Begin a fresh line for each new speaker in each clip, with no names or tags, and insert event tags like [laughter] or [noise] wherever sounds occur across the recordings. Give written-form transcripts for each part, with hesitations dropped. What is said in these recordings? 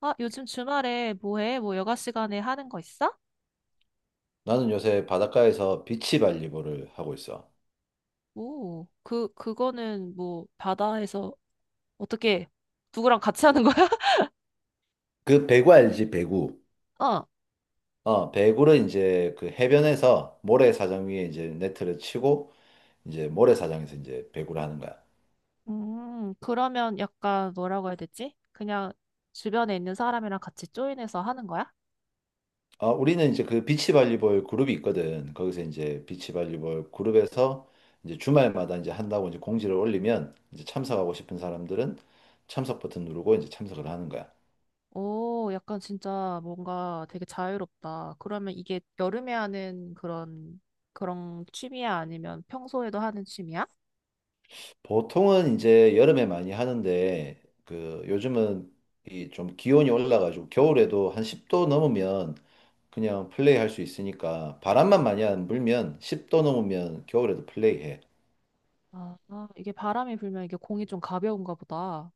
아, 요즘 주말에 뭐 해? 뭐 여가 시간에 하는 거 있어?
나는 요새 바닷가에서 비치발리볼을 하고 있어.
오, 그거는 뭐 바다에서 어떻게 누구랑 같이 하는 거야? [laughs]
그 배구 알지? 배구.
어.
어, 배구를 이제 그 해변에서 모래사장 위에 이제 네트를 치고 이제 모래사장에서 이제 배구를 하는 거야.
그러면 약간 뭐라고 해야 되지? 그냥 주변에 있는 사람이랑 같이 조인해서 하는 거야?
어, 우리는 이제 그 비치발리볼 그룹이 있거든. 거기서 이제 비치발리볼 그룹에서 이제 주말마다 이제 한다고 이제 공지를 올리면 이제 참석하고 싶은 사람들은 참석 버튼 누르고 이제 참석을 하는 거야.
오, 약간 진짜 뭔가 되게 자유롭다. 그러면 이게 여름에 하는 그런 취미야? 아니면 평소에도 하는 취미야?
보통은 이제 여름에 많이 하는데 그 요즘은 이 좀 기온이 올라가지고 겨울에도 한 10도 넘으면 그냥 플레이할 수 있으니까 바람만 많이 안 불면 10도 넘으면 겨울에도 플레이해.
아, 아, 이게 바람이 불면 이게 공이 좀 가벼운가 보다.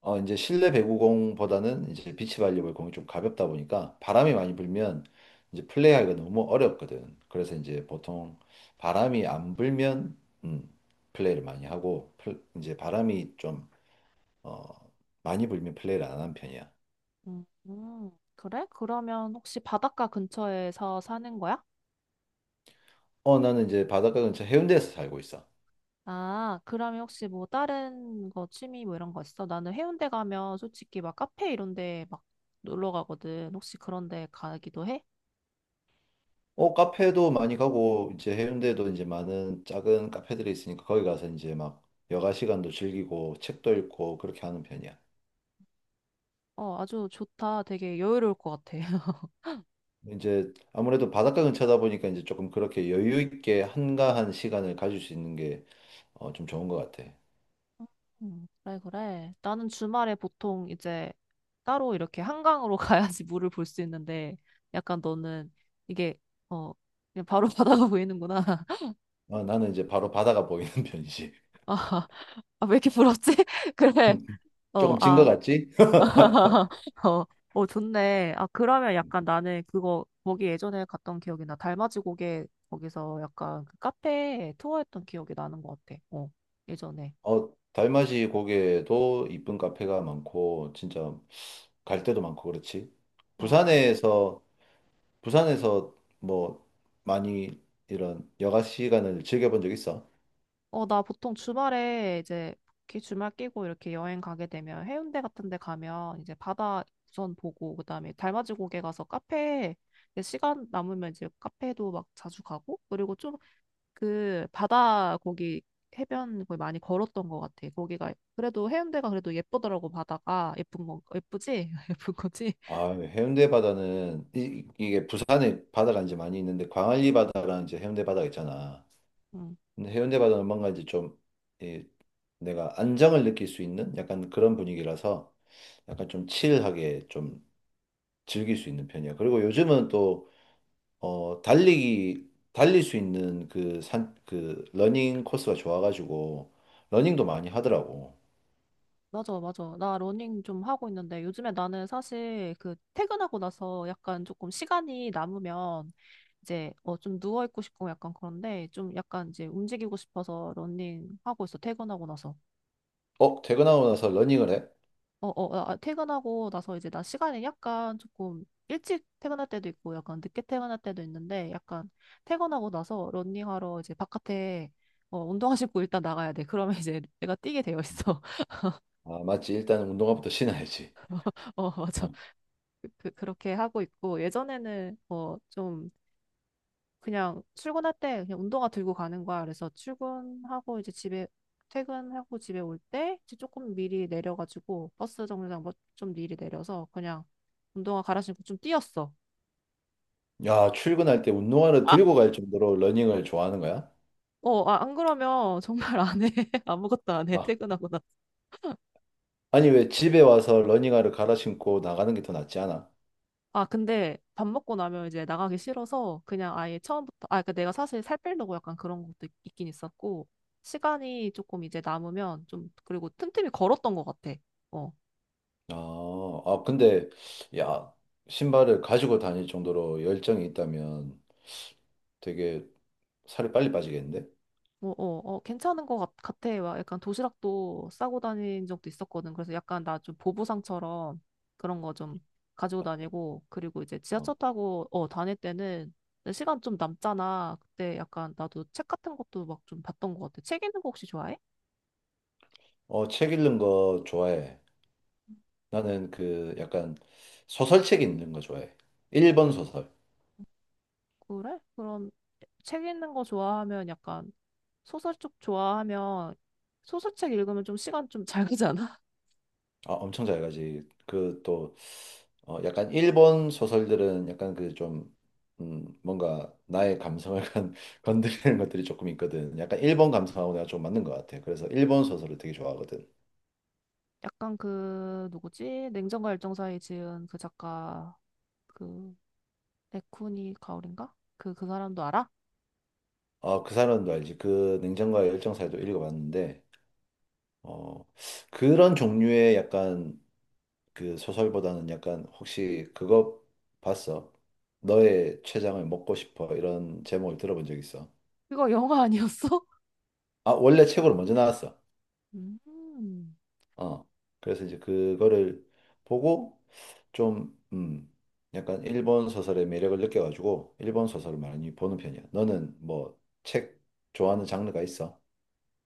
어, 이제 실내 배구공보다는 이제 비치 발리볼 공이 좀 가볍다 보니까 바람이 많이 불면 이제 플레이하기가 너무 어렵거든. 그래서 이제 보통 바람이 안 불면 음, 플레이를 많이 하고 이제 바람이 좀 어, 많이 불면 플레이를 안 하는 편이야.
음, 음. 그래? 그러면 혹시 바닷가 근처에서 사는 거야?
어, 나는 이제 바닷가 근처 해운대에서 살고 있어.
아, 그러면 혹시 뭐 다른 거 취미 뭐 이런 거 있어? 나는 해운대 가면 솔직히 막 카페 이런 데 막 놀러 가거든. 혹시 그런 데 가기도 해?
어, 카페도 많이 가고, 이제 해운대도 이제 많은 작은 카페들이 있으니까 거기 가서 이제 막 여가 시간도 즐기고, 책도 읽고, 그렇게 하는 편이야.
어, 아주 좋다. 되게 여유로울 것 같아. [laughs]
이제 아무래도 바닷가 근처다 보니까 이제 조금 그렇게 여유 있게 한가한 시간을 가질 수 있는 게, 어, 좀 좋은 것 같아.
그래, 그래. 나는 주말에 보통 이제 따로 이렇게 한강으로 [laughs] 가야지 물을 볼 수 있는데 약간 너는 이게 어, 그냥 바로 [laughs] 바다가 보이는구나. [laughs]
어, 나는 이제 바로 바다가 보이는 [laughs] 편이지.
아, 왜 이렇게 부럽지? [laughs] 그래.
[laughs]
어,
조금 진 것
아.
같지? [laughs]
[laughs] 어, 어, 좋네. 아, 그러면 약간 나는 그거, 거기 예전에 갔던 기억이 나. 달맞이 고개, 거기서 약간 그 카페 투어했던 기억이 나는 것 같아. 어, 예전에.
어, 달맞이 고개도 이쁜 카페가 많고, 진짜 갈 데도 많고, 그렇지?
어,
부산에서 부산에서 뭐 많이 이런 여가 시간을 즐겨본 적 있어?
어, 나 보통 주말에 이제, 이렇게 주말 끼고 이렇게 여행 가게 되면 해운대 같은 데 가면 이제 바다 우선 보고, 그다음에 달맞이 고개 가서 카페, 이제 시간 남으면 이제 카페도 막 자주 가고, 그리고 좀 그 바다 거기 해변 거기 많이 걸었던 것 같아. 거기가 그래도 해운대가 그래도 예쁘더라고 바다가 예쁜 거 예쁘지? [laughs] 예쁜 거지?
아, 해운대 바다는 이, 게 부산에 바다가 이제 많이 있는데 광안리 바다랑 이제 해운대 바다가 있잖아.
응.
근데 해운대 바다는 뭔가 이제 좀 이, 내가 안정을 느낄 수 있는 약간 그런 분위기라서 약간 좀 칠하게 좀 즐길 수 있는 편이야. 그리고 요즘은 또 어, 달리기 달릴 수 있는 그 산 그 러닝 코스가 좋아가지고 러닝도 많이 하더라고.
맞아, 맞아. 나 러닝 좀 하고 있는데 요즘에 나는 사실 그 퇴근하고 나서 약간 조금 시간이 남으면 이제 어 좀 누워 있고 싶고 약간 그런데 좀 약간 이제 움직이고 싶어서 러닝 하고 있어. 퇴근하고 나서.
어, 퇴근하고 나서 러닝을 해?
어, 어, 어, 아, 퇴근하고 나서 이제 나 시간이 약간 조금 일찍 퇴근할 때도 있고 약간 늦게 퇴근할 때도 있는데 약간 퇴근하고 나서 런닝하러 이제 바깥에 어, 운동화 신고 일단 나가야 돼. 그러면 이제 [laughs] 내가 뛰게 되어 있어.
아, 맞지. 일단 운동화부터 신어야지.
[laughs] 어, 맞아.
어.
그, 그, 렇게 하고 있고 예전에는 어, 좀 그냥 출근할 때 그냥 운동화 들고 가는 거야. 그래서 출근하고 이제 집에 퇴근하고 집에 올 때 이제 조금 미리 내려가지고 버스 정류장 뭐 좀 미리 내려서 그냥 운동화 갈아 신고 좀 뛰었어.
야, 출근할 때 운동화를 들고 갈 정도로 러닝을 좋아하는 거야?
어, 아, 안 그러면 정말 안 해. [laughs] 아무것도 안 해.
아,
퇴근하고 나서.
아니, 왜 집에 와서 러닝화를 갈아 신고 나가는 게 더 낫지 않아?
아, 근데 밥 먹고 나면 이제 나가기 싫어서 그냥 아예 처음부터, 아, 그러니까 내가 사실 살 빼려고 약간 그런 것도 있긴 있었고, 시간이 조금 이제 남으면 좀, 그리고 틈틈이 걸었던 것 같아. 어.
근데, 야, 신발을 가지고 다닐 정도로 열정이 있다면 되게 살이 빨리 빠지겠는데?
뭐, 어, 어, 괜찮은 것 같, 같아. 막 약간 도시락도 싸고 다닌 적도 있었거든. 그래서 약간 나 좀 보부상처럼 그런 거 좀 가지고 다니고, 그리고 이제 지하철
어,
타고, 어, 다닐 때는 시간 좀 남잖아. 그때 약간 나도 책 같은 것도 막 좀 봤던 것 같아. 책 읽는 거 혹시 좋아해?
책 읽는 거 좋아해. 나는 그 약간 소설책 읽는 거 좋아해. 일본 소설.
그래? 그럼 책 읽는 거 좋아하면 약간 소설 쪽 좋아하면 소설책 읽으면 좀 시간 좀 잘 가잖아.
아, 엄청 잘 가지. 그 또, 어, 약간 일본 소설들은 약간 그 좀, 뭔가 나의 감성을 [laughs] 건드리는 것들이 조금 있거든. 약간 일본 감성하고 내가 좀 맞는 것 같아. 그래서 일본 소설을 되게 좋아하거든.
[laughs] 약간 그 누구지? 냉정과 열정 사이 지은 그 작가 그 에쿠니 가오린가? 그 사람도 알아?
아, 그 사람도 알지. 그 냉정과의 열정사에도 읽어봤는데, 어, 그런 종류의 약간 그 소설보다는 약간 혹시 그거 봤어? 너의 췌장을 먹고 싶어. 이런 제목을 들어본 적 있어?
그거 영화 아니었어?
아, 원래 책으로 먼저 나왔어.
[laughs] 음.
어, 그래서 이제 그거를 보고 좀, 약간 일본 소설의 매력을 느껴가지고 일본 소설을 많이 보는 편이야. 너는 뭐 책 좋아하는 장르가 있어?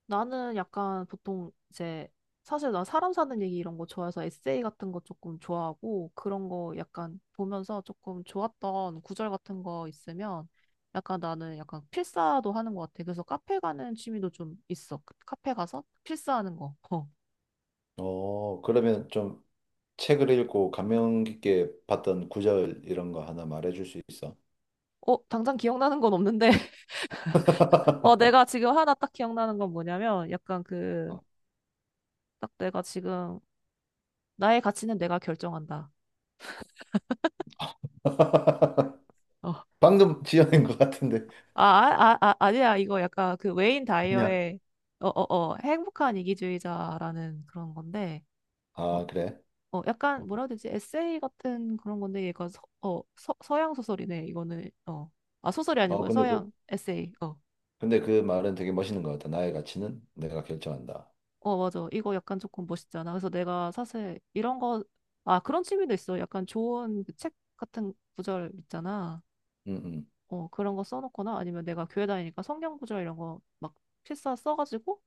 나는 약간 보통 이제 사실 나 사람 사는 얘기 이런 거 좋아해서 에세이 같은 거 조금 좋아하고 그런 거 약간 보면서 조금 좋았던 구절 같은 거 있으면 약간 나는 약간 필사도 하는 것 같아. 그래서 카페 가는 취미도 좀 있어. 카페 가서 필사하는 거. 어.
어, 그러면 좀 책을 읽고 감명 깊게 봤던 구절 이런 거 하나 말해줄 수 있어?
어, 당장 기억나는 건 없는데. [laughs] 어, 내가 지금 하나 딱 기억나는 건 뭐냐면 약간 그 딱 내가 지금 나의 가치는 내가 결정한다.
[laughs]
어.
방금 지어낸 것 같은데.
아니야. 이거 약간 그 웨인
아니야.
다이어의 어, 어, 어, 행복한 이기주의자라는 그런 건데, 어,
아, 그래?
어, 약간 뭐라 해야 되지? 에세이 같은 그런 건데, 얘가 서양 소설이네. 이거는, 어. 아, 소설이
어,
아니고요.
근데 그,
서양 에세이. 어.
근데 그 말은 되게 멋있는 것 같아. 나의 가치는 내가 결정한다.
어, 맞아. 이거 약간 조금 멋있잖아. 그래서 내가 사실 이런 거, 아, 그런 취미도 있어. 약간 좋은 그책 같은 구절 있잖아.
음, 음.
어, 그런 거 써놓거나 아니면 내가 교회 다니니까 성경 구절 이런 거 막 필사 써가지고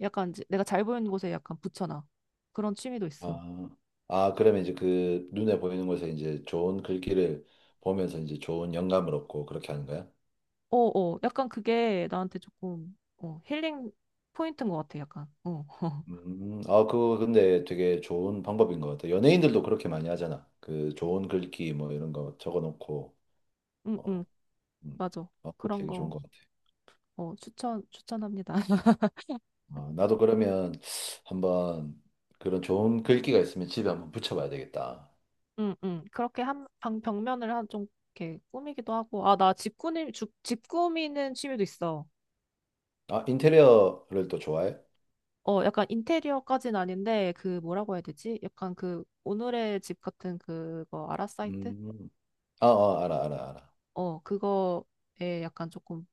약간 이제 내가 잘 보이는 곳에 약간 붙여놔. 그런 취미도 있어.
아, 아, 그러면 이제 그 눈에 보이는 곳에 이제 좋은 글귀를 보면서 이제 좋은 영감을 얻고 그렇게 하는 거야?
어, 어, 약간 그게 나한테 조금 어, 힐링 포인트인 것 같아, 약간. 어, [laughs]
아, 그거 근데 되게 좋은 방법인 것 같아. 연예인들도 그렇게 많이 하잖아. 그 좋은 글귀 뭐 이런 거 적어놓고,
응, 응,
어, 음,
맞아.
어, 그거
그런
되게 좋은
거
것 같아.
어, 추천, 추천합니다. [laughs]
아, 나도 그러면 한번 그런 좋은 글귀가 있으면 집에 한번 붙여봐야 되겠다.
응, 응. 그렇게 한, 방, 벽면을 한 좀 이렇게 꾸미기도 하고. 아, 나 집 꾸미는 취미도 있어.
아, 인테리어를 또 좋아해?
어, 약간 인테리어까진 아닌데, 그, 뭐라고 해야 되지? 약간 그, 오늘의 집 같은 그거, 아라 사이트?
음, 아, 아, 알아, 알아, 알아.
어, 그거에 약간 조금,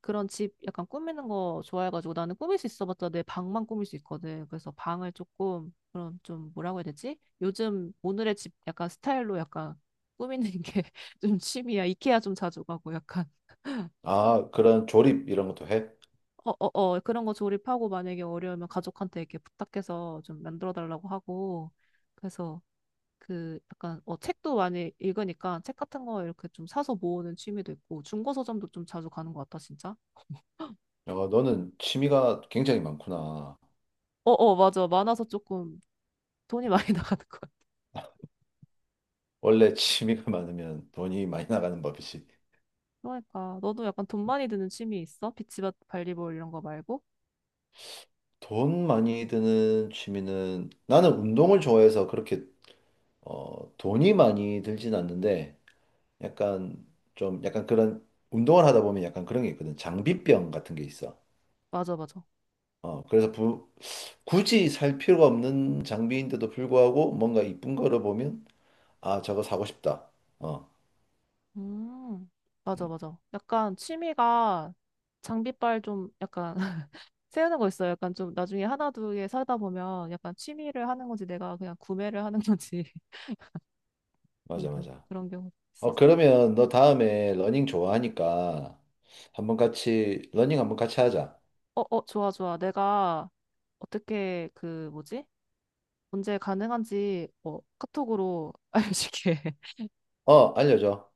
그런 집 약간 꾸미는 거 좋아해가지고, 나는 꾸밀 수 있어봤자 내 방만 꾸밀 수 있거든. 그래서 방을 조금, 그런 좀, 뭐라고 해야 되지? 요즘 오늘의 집 약간 스타일로 약간 꾸미는 게 [laughs] 좀 취미야. 이케아 좀 자주 가고, 약간.
아, 그런 조립 이런 것도 해?
어, 어, 어, 그런 거 조립하고, 만약에 어려우면 가족한테 이렇게 부탁해서 좀 만들어 달라고 하고, 그래서, 그 약간 어 책도 많이 읽으니까 책 같은 거 이렇게 좀 사서 모으는 취미도 있고 중고 서점도 좀 자주 가는 것 같다 진짜.
어, 너는 취미가 굉장히 많구나.
어어 맞아 많아서 조금 돈이 많이 [laughs] 나가는 것 같아.
원래 취미가 [laughs] 많으면 돈이 많이 나가는 법이지.
그러니까 너도 약간 돈 많이 드는 취미 있어? 비치밭 발리볼 이런 거 말고?
돈 많이 드는 취미는 나는 운동을 좋아해서 그렇게 어, 돈이 많이 들진 않는데 약간 좀 약간 그런 운동을 하다 보면 약간 그런 게 있거든. 장비병 같은 게 있어.
맞아 맞아.
어, 그래서 부, 굳이 살 필요가 없는 장비인데도 불구하고 뭔가 이쁜 거를 보면 아, 저거 사고 싶다. 어,
음 맞아
음,
맞아. 약간 취미가 장비빨 좀 약간 [laughs] 세우는 거 있어요. 약간 좀 나중에 하나 두 개 사다 보면 약간 취미를 하는 건지 내가 그냥 구매를 하는 건지 [laughs] 그런
맞아,
경우
맞아.
그런 경우
어,
있었어.
그러면 너 다음에 러닝 좋아하니까 한번 같이, 러닝 한번 같이 하자.
어, 어, 좋아, 좋아. 내가 어떻게 그 뭐지? 언제 가능한지 어, 카톡으로 [laughs] 알려줄게.
어, 알려줘.